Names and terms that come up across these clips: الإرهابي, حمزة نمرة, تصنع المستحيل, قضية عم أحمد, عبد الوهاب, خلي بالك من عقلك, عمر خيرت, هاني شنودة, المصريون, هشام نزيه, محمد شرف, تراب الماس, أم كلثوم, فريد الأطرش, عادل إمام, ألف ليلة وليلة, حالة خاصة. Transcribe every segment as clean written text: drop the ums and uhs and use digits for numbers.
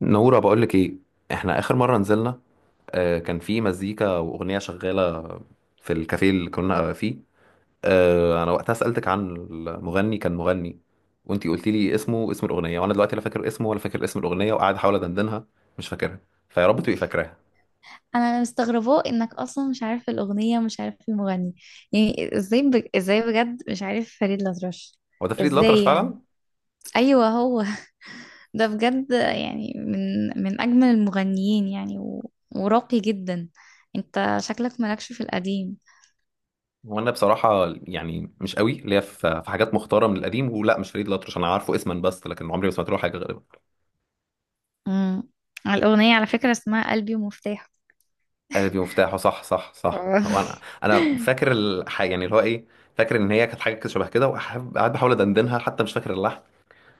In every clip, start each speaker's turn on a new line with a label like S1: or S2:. S1: نورة، بقولك ايه؟ احنا اخر مرة نزلنا، كان في مزيكا واغنية شغالة في الكافيه اللي كنا فيه. انا وقتها سألتك عن المغني، كان مغني، وانتي قلتي لي اسمه، اسم الاغنية، وانا دلوقتي لا فاكر اسمه ولا فاكر اسم الاغنية وقاعد احاول ادندنها. مش فاكرها، فيا رب تبقي فاكراها.
S2: انا مستغرباه انك اصلا مش عارف الاغنيه ومش عارف المغني. يعني ازاي ازاي بجد مش عارف فريد الأطرش؟
S1: هو ده فريد الأطرش
S2: ازاي يعني؟
S1: فعلا؟
S2: ايوه هو. ده بجد يعني من اجمل المغنيين يعني وراقي جدا. انت شكلك مالكش في القديم.
S1: وانا بصراحة يعني مش قوي ليا في حاجات مختارة من القديم، ولا مش فريد الأطرش، انا عارفه اسما بس، لكن عمري ما سمعت له حاجة غالبا.
S2: امم. الاغنيه على فكره اسمها قلبي ومفتاحه.
S1: قالب مفتاحه، صح، صح، صح، هو انا انا فاكر الحاجه، يعني اللي هو ايه. فاكر ان هي كانت حاجه كده، شبه كده، وقاعد بحاول ادندنها، حتى مش فاكر اللحن.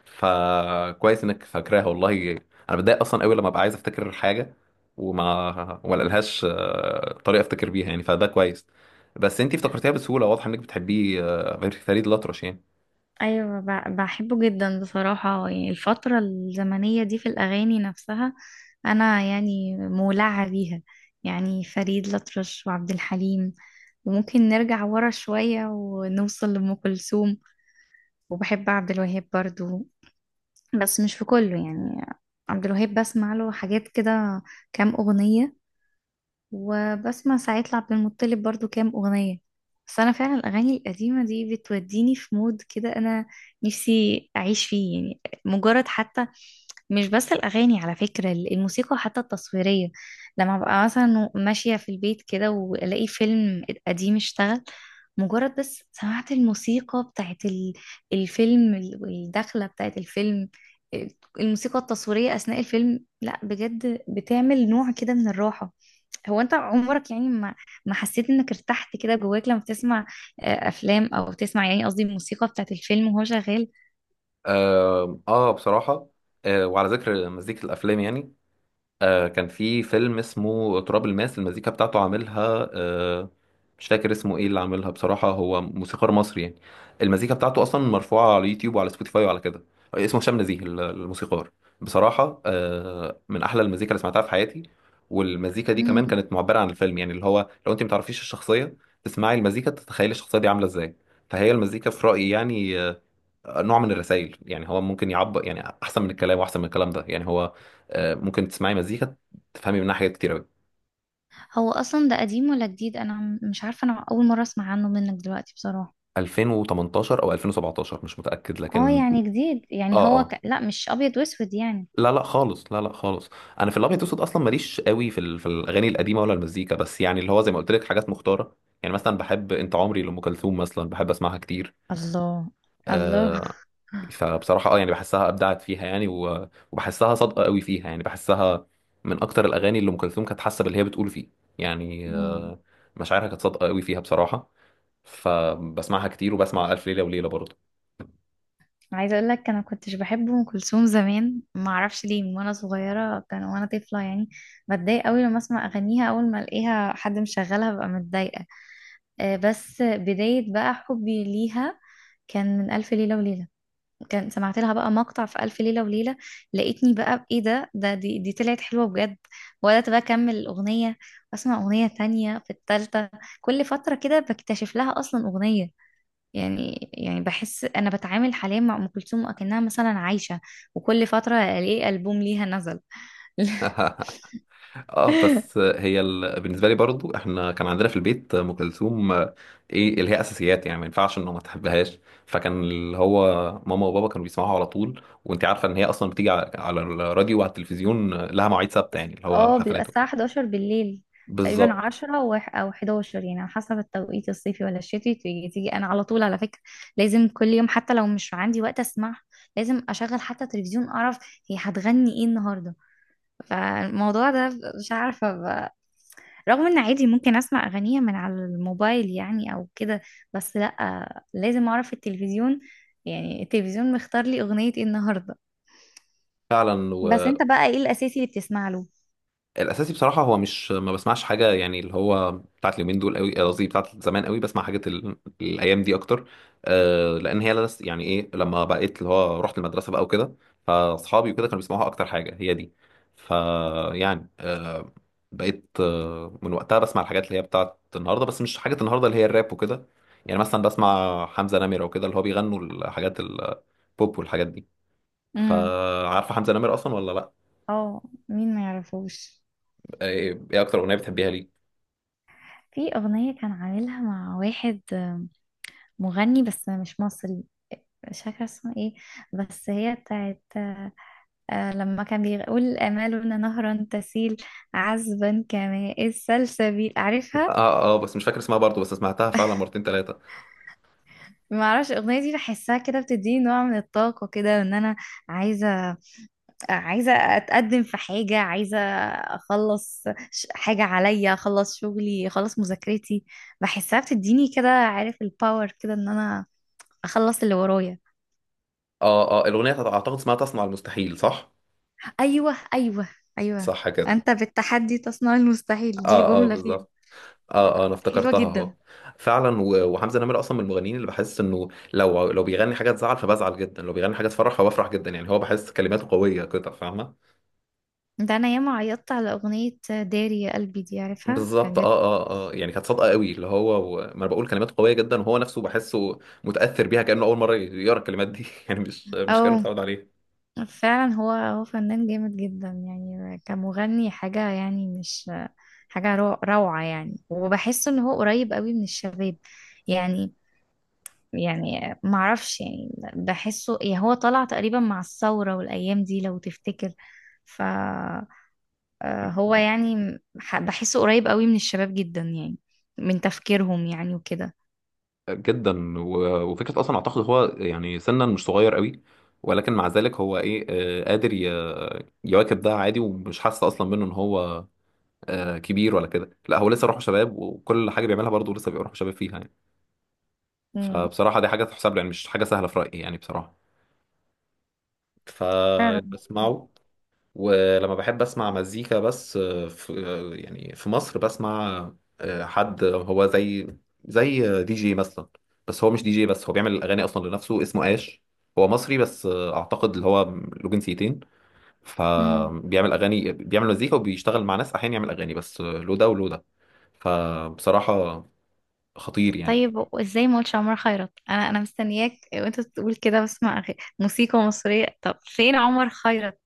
S1: فكويس انك فاكراها والله. انا بتضايق اصلا قوي لما ابقى عايز افتكر حاجه وما لقلهاش طريقه افتكر بيها، يعني فده كويس. بس انتي افتكرتيها بسهوله، واضح انك بتحبيه، غير فريد الأطرش يعني.
S2: ايوه، بحبه جدا بصراحه، يعني الفتره الزمنيه دي في الاغاني نفسها. انا يعني مولعه بيها، يعني فريد الأطرش وعبد الحليم. وممكن نرجع ورا شويه ونوصل لأم كلثوم. وبحب عبد الوهاب برضو، بس مش في كله يعني. عبد الوهاب بسمع له حاجات كده، كام اغنيه. وبسمع ساعات لعبد المطلب برضو كام أغنية. بس أنا فعلا الأغاني القديمة دي بتوديني في مود كده أنا نفسي أعيش فيه يعني. مجرد حتى، مش بس الأغاني، على فكرة الموسيقى حتى التصويرية. لما ببقى مثلا ماشية في البيت كده وألاقي فيلم قديم اشتغل، مجرد بس سمعت الموسيقى بتاعت الفيلم والدخلة بتاعت الفيلم. الموسيقى التصويرية أثناء الفيلم لا بجد بتعمل نوع كده من الراحة. هو انت عمرك يعني ما حسيت انك ارتحت كده جواك لما بتسمع افلام، او بتسمع يعني قصدي الموسيقى بتاعت الفيلم وهو شغال؟
S1: اه، بصراحه، وعلى ذكر مزيكه الافلام يعني، كان في فيلم اسمه تراب الماس، المزيكا بتاعته عاملها مش فاكر اسمه ايه اللي عاملها بصراحة، هو موسيقار مصري يعني. المزيكا بتاعته اصلا مرفوعة على يوتيوب وعلى سبوتيفاي وعلى كده. اسمه هشام نزيه، الموسيقار. بصراحة من احلى المزيكا اللي سمعتها في حياتي. والمزيكا دي
S2: مم.
S1: كمان كانت معبرة عن الفيلم، يعني اللي هو لو انت متعرفيش الشخصية تسمعي المزيكا تتخيلي الشخصية دي عاملة ازاي. فهي المزيكا في رأيي يعني نوع من الرسائل، يعني هو ممكن يعبر، يعني احسن من الكلام، واحسن من الكلام ده، يعني هو ممكن تسمعي مزيكا تفهمي منها حاجات كتير قوي.
S2: هو اصلا ده قديم ولا جديد؟ انا مش عارفه، انا اول مره اسمع عنه منك دلوقتي بصراحه.
S1: 2018 او 2017، مش متاكد
S2: اه
S1: لكن.
S2: يعني جديد يعني
S1: اه،
S2: هو
S1: اه،
S2: لا مش ابيض واسود يعني.
S1: لا لا خالص، لا لا خالص. انا في الابيض والاسود اصلا ماليش قوي في الاغاني القديمه ولا المزيكا، بس يعني اللي هو زي ما قلت لك حاجات مختاره. يعني مثلا بحب انت عمري لام كلثوم، مثلا بحب اسمعها كتير،
S2: الله. الله.
S1: آه، فبصراحة اه، يعني بحسها ابدعت فيها، يعني و- وبحسها صادقة قوي فيها، يعني بحسها من اكتر الاغاني اللي ام كلثوم كانت حاسة باللي هي بتقول فيه، يعني
S2: مم.
S1: مشاعرها كانت صادقة قوي فيها بصراحة. فبسمعها كتير، وبسمع ألف ليلة وليلة برضه.
S2: عايزه اقول لك انا كنتش بحب ام كلثوم زمان، ما اعرفش ليه، من وانا صغيره كان وانا طفله يعني بتضايق قوي لما اسمع اغانيها. اول ما الاقيها حد مشغلها ببقى متضايقه. بس بدايه بقى حبي ليها كان من الف ليله وليله. كان سمعت لها بقى مقطع في ألف ليلة وليلة، لقيتني بقى ايه ده، دي طلعت حلوة بجد. وبدأت بقى أكمل الأغنية وأسمع أغنية تانية في التالتة. كل فترة كده بكتشف لها أصلا أغنية، يعني بحس أنا بتعامل حاليا مع أم كلثوم أكنها مثلا عايشة، وكل فترة ألاقي ألبوم ليها نزل.
S1: اه، بس هي بالنسبة لي برضه، احنا كان عندنا في البيت ام كلثوم، ايه، اللي هي اساسيات، يعني ما ينفعش انه ما تحبهاش. فكان اللي هو ماما وبابا كانوا بيسمعوها على طول، وانت عارفة ان هي اصلا بتيجي على الراديو وعلى التلفزيون، لها مواعيد ثابتة، يعني اللي هو
S2: اه بيبقى
S1: حفلات
S2: الساعة
S1: وكده.
S2: 11 بالليل، تقريبا
S1: بالظبط.
S2: 10 أو 11، يعني على حسب التوقيت الصيفي ولا الشتوي تيجي، تيجي أنا على طول على فكرة. لازم كل يوم، حتى لو مش عندي وقت أسمعها لازم أشغل حتى تلفزيون، أعرف هي هتغني إيه النهاردة. فالموضوع ده مش عارفة رغم إن عادي ممكن أسمع أغانيها من على الموبايل يعني أو كده. بس لأ لازم أعرف التلفزيون، يعني التلفزيون مختار لي أغنية إيه النهاردة.
S1: فعلا.
S2: بس أنت بقى إيه الأساسي اللي بتسمع له؟
S1: والاساسي بصراحه هو مش ما بسمعش حاجه، يعني اللي هو بتاعت اليومين دول قوي، قصدي بتاعت زمان قوي، بسمع حاجات الايام دي اكتر. لان هي لس، يعني ايه، لما بقيت اللي هو رحت المدرسه بقى وكده، فاصحابي وكده كانوا بيسمعوها اكتر حاجه هي دي. فيعني بقيت من وقتها بسمع الحاجات اللي هي بتاعت النهارده، بس مش حاجه النهارده اللي هي الراب وكده، يعني مثلا بسمع حمزه نمره وكده، اللي هو بيغنوا الحاجات البوب والحاجات دي.
S2: امم.
S1: فعارفه حمزه نمره اصلا ولا لا؟
S2: اه. مين ما يعرفوش.
S1: ايه اكتر اغنيه بتحبيها ليه؟
S2: في أغنية كان عاملها مع واحد مغني بس مش مصري، مش فاكرة اسمه ايه، بس هي بتاعت آه لما كان بيقول: آمالنا نهرا تسيل عذبا كماء السلسبيل. عارفها؟
S1: اه، اه، بس مش فاكر اسمها برضو، بس سمعتها فعلا مرتين ثلاثة.
S2: معرفش الأغنية دي بحسها كده بتديني نوع من الطاقة كده، وإن أنا عايزة، عايزة أتقدم في حاجة، عايزة أخلص، حاجة عليا، أخلص شغلي، أخلص مذاكرتي. بحسها بتديني كده عارف الباور كده إن أنا أخلص اللي ورايا.
S1: اه، اه، الاغنيه اعتقد اسمها تصنع المستحيل، صح؟
S2: ايوه، ايوه، ايوه.
S1: صح كده.
S2: انت بالتحدي تصنع المستحيل دي
S1: اه، اه،
S2: جملة فيها.
S1: بالظبط. اه، اه، انا
S2: حلوة
S1: افتكرتها اهو.
S2: جدا.
S1: فعلا، و- وحمزه نمرة اصلا من المغنيين اللي بحس انه لو بيغني حاجه تزعل فبزعل جدا، لو بيغني حاجه تفرح فبفرح جدا، يعني هو بحس كلماته قويه كده، فاهمه؟
S2: ده انا ياما عيطت على اغنية داري يا قلبي دي، عارفها، كان
S1: بالظبط،
S2: جد.
S1: اه، اه، اه، يعني كانت صادقه قوي، اللي هو ما انا بقول كلماته قويه جدا وهو نفسه بحسه متاثر بيها، كانه اول مره يقرا الكلمات دي، يعني مش كانه
S2: او
S1: متعود عليها.
S2: فعلا هو فنان جامد جدا يعني كمغني، حاجة يعني مش، حاجة روعة يعني. وبحس ان هو قريب قوي من الشباب، يعني، يعني معرفش، يعني بحسه، يعني هو طلع تقريبا مع الثورة والايام دي لو تفتكر. ف هو يعني بحسه قريب قوي من الشباب جدا يعني، من تفكيرهم يعني وكده.
S1: جدا، و- وفكره اصلا اعتقد هو، يعني سنا مش صغير قوي، ولكن مع ذلك هو ايه، قادر يواكب. ده عادي ومش حاسس اصلا منه ان هو كبير ولا كده. لا، هو لسه روحه شباب، وكل حاجه بيعملها برضه لسه بيبقى روحه شباب فيها يعني.
S2: امم.
S1: فبصراحه دي حاجه تحسب له، يعني مش حاجه سهله في رايي يعني بصراحه.
S2: فعلا.
S1: فبسمعه. ولما بحب اسمع مزيكا بس، آه، في آه، يعني في مصر بسمع حد هو زي، زي دي جي مثلا، بس هو مش دي جي، بس هو بيعمل الاغاني اصلا لنفسه، اسمه اش. هو مصري بس، اعتقد اللي هو له جنسيتين،
S2: مم.
S1: فبيعمل اغاني، بيعمل مزيكا، وبيشتغل مع ناس احيانا يعمل اغاني بس، له ده وله ده. فبصراحة خطير يعني.
S2: طيب ازاي ما قلتش عمر خيرت؟ انا مستنياك وانت تقول كده بسمع موسيقى مصرية. طب فين عمر خيرت؟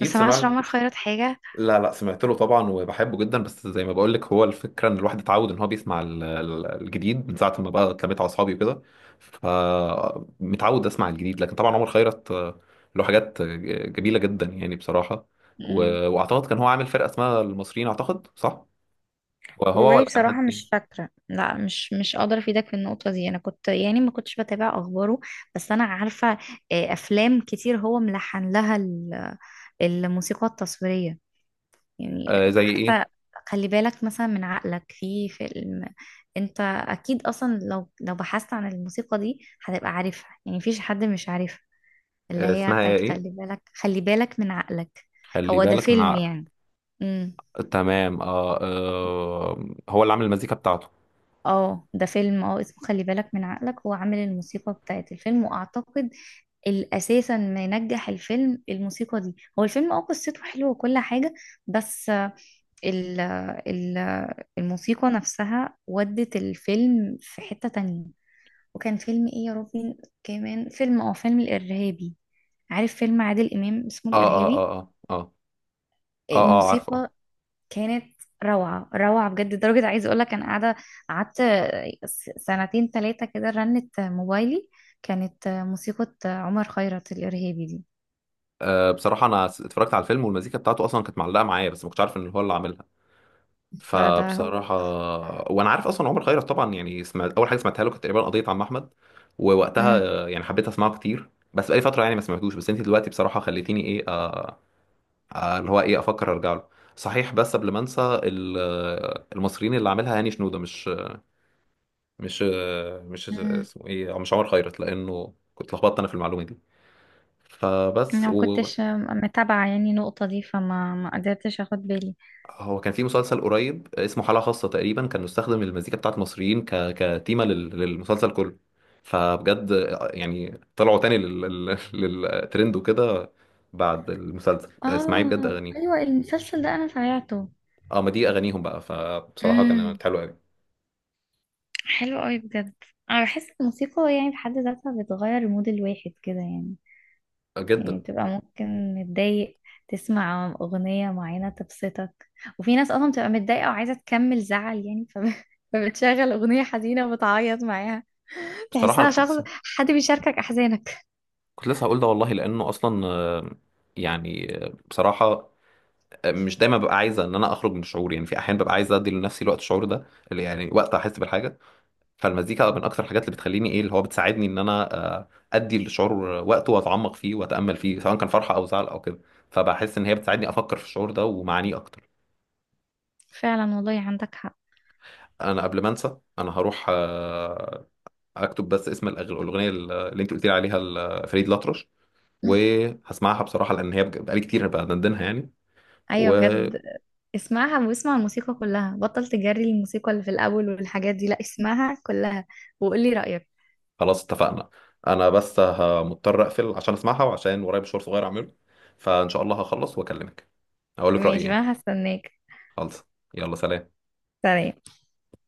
S2: ما سمعش
S1: سمعت.
S2: عمر خيرت حاجة.
S1: لا، لا، سمعت له طبعا وبحبه جدا، بس زي ما بقول لك، هو الفكره ان الواحد اتعود ان هو بيسمع الجديد من ساعه ما بقى اتلميت على اصحابي وكده، فمتعود اسمع الجديد. لكن طبعا عمر خيرت، له حاجات، جميله جدا يعني بصراحه.
S2: امم.
S1: و- واعتقد كان هو عامل فرقه اسمها المصريين، اعتقد صح؟ وهو
S2: والله
S1: ولا كان
S2: بصراحة
S1: حد تاني؟
S2: مش فاكرة، لا مش، قادرة افيدك في النقطة دي. انا كنت يعني ما كنتش بتابع اخباره، بس انا عارفة افلام كتير هو ملحن لها الموسيقى التصويرية، يعني
S1: زي ايه؟
S2: حتى خلي بالك مثلا من عقلك في فيلم. انت اكيد اصلا لو بحثت عن الموسيقى دي هتبقى عارفها، يعني مفيش حد مش عارفها، اللي هي
S1: اسمها ايه
S2: بتاعت خلي
S1: إيه؟
S2: بالك، خلي بالك من عقلك.
S1: خلي
S2: هو ده
S1: بالك من
S2: فيلم يعني.
S1: عقلك.
S2: امم.
S1: تمام، اه، هو اللي عامل المزيكا بتاعته.
S2: اه ده فيلم، اه اسمه خلي بالك من عقلك. هو عامل الموسيقى بتاعت الفيلم، واعتقد الاساسا ما ينجح الفيلم الموسيقى دي. هو الفيلم اه قصته حلوه وكل حاجه، بس ال ال الموسيقى نفسها ودت الفيلم في حتة تانية. وكان فيلم ايه يا ربي، كمان فيلم، اه فيلم الإرهابي. عارف فيلم عادل إمام اسمه
S1: اه، اه،
S2: الإرهابي؟
S1: اه، اه، اه، اه، عارفه.
S2: الموسيقى كانت روعة، روعة بجد، لدرجة عايزة اقولك انا قاعدة، قعدت سنتين تلاتة كده رنت موبايلي، كانت موسيقى عمر خيرت الإرهابي دي.
S1: بصراحة، أنا اتفرجت على الفيلم، والمزيكا بتاعته أصلا كانت معلقة معايا، بس ما كنتش عارف إن هو اللي عاملها.
S2: ده هو.
S1: فبصراحة، وأنا عارف أصلا عمر خيرت طبعا، يعني سمعت أول حاجة سمعتها له كانت تقريبا قضية عم أحمد. ووقتها،
S2: امم.
S1: يعني حبيت أسمعه كتير، بس بقالي فترة يعني ما سمعتوش. بس أنت دلوقتي بصراحة خليتيني إيه، اللي هو إيه، أفكر أرجع له. صحيح، بس قبل ما أنسى المصريين اللي عاملها هاني شنودة، مش
S2: امم.
S1: اسمه إيه، مش عمر خيرت، لأنه كنت لخبطت أنا في المعلومة دي.
S2: انا
S1: فبس.
S2: ما كنتش متابعة يعني النقطة دي، ما قدرتش اخد بالي.
S1: هو كان في مسلسل قريب اسمه حالة خاصة، تقريبا كان مستخدم المزيكا بتاعت مصريين كتيمة للمسلسل كله، فبجد يعني طلعوا تاني للترند وكده بعد المسلسل. اسمعي بجد
S2: اه
S1: أغانيه.
S2: ايوه المسلسل ده انا سمعته.
S1: اه، ما دي أغانيهم بقى، فبصراحة
S2: امم.
S1: كانت حلوة أوي.
S2: حلو قوي بجد. انا بحس الموسيقى يعني في حد ذاتها بتغير مود الواحد كده يعني، يعني
S1: جدا.
S2: تبقى ممكن متضايق تسمع أغنية معينة تبسطك. وفي ناس أصلا بتبقى متضايقة وعايزة تكمل زعل يعني فبتشغل أغنية حزينة وبتعيط معاها،
S1: بصراحة
S2: تحسها
S1: أنا كنت
S2: شخص،
S1: لسه
S2: حد بيشاركك أحزانك.
S1: كنت لسه هقول ده والله. لأنه أصلا، يعني، بصراحة، مش دايما ببقى عايزة إن أنا أخرج من الشعور، يعني في أحيان ببقى عايزة أدي لنفسي الوقت الشعور ده، اللي يعني وقت أحس بالحاجة. فالمزيكا من اكتر الحاجات اللي بتخليني ايه، اللي هو بتساعدني ان انا ادي الشعور وقته، واتعمق فيه، واتامل فيه، سواء كان فرحه او زعل او كده. فبحس ان هي بتساعدني افكر في الشعور ده ومعانيه اكتر.
S2: فعلا والله عندك حق.
S1: انا قبل ما انسى، انا هروح اكتب بس اسم الاغنيه اللي انت قلت لي عليها لفريد الأطرش، وهسمعها بصراحه لان هي بقالي كتير بدندنها يعني.
S2: ايوه
S1: وخلاص.
S2: بجد. اسمعها واسمع الموسيقى كلها، بطل تجري الموسيقى اللي في الاول والحاجات دي، لا اسمعها كلها، وقولي رأيك.
S1: اتفقنا. انا بس مضطر اقفل عشان اسمعها، وعشان ورايا مشوار صغير اعمله. فان شاء الله هخلص واكلمك، اقول لك رايي
S2: ماشي،
S1: يعني.
S2: ما هستناك.
S1: خلص. يلا، سلام.
S2: سلام.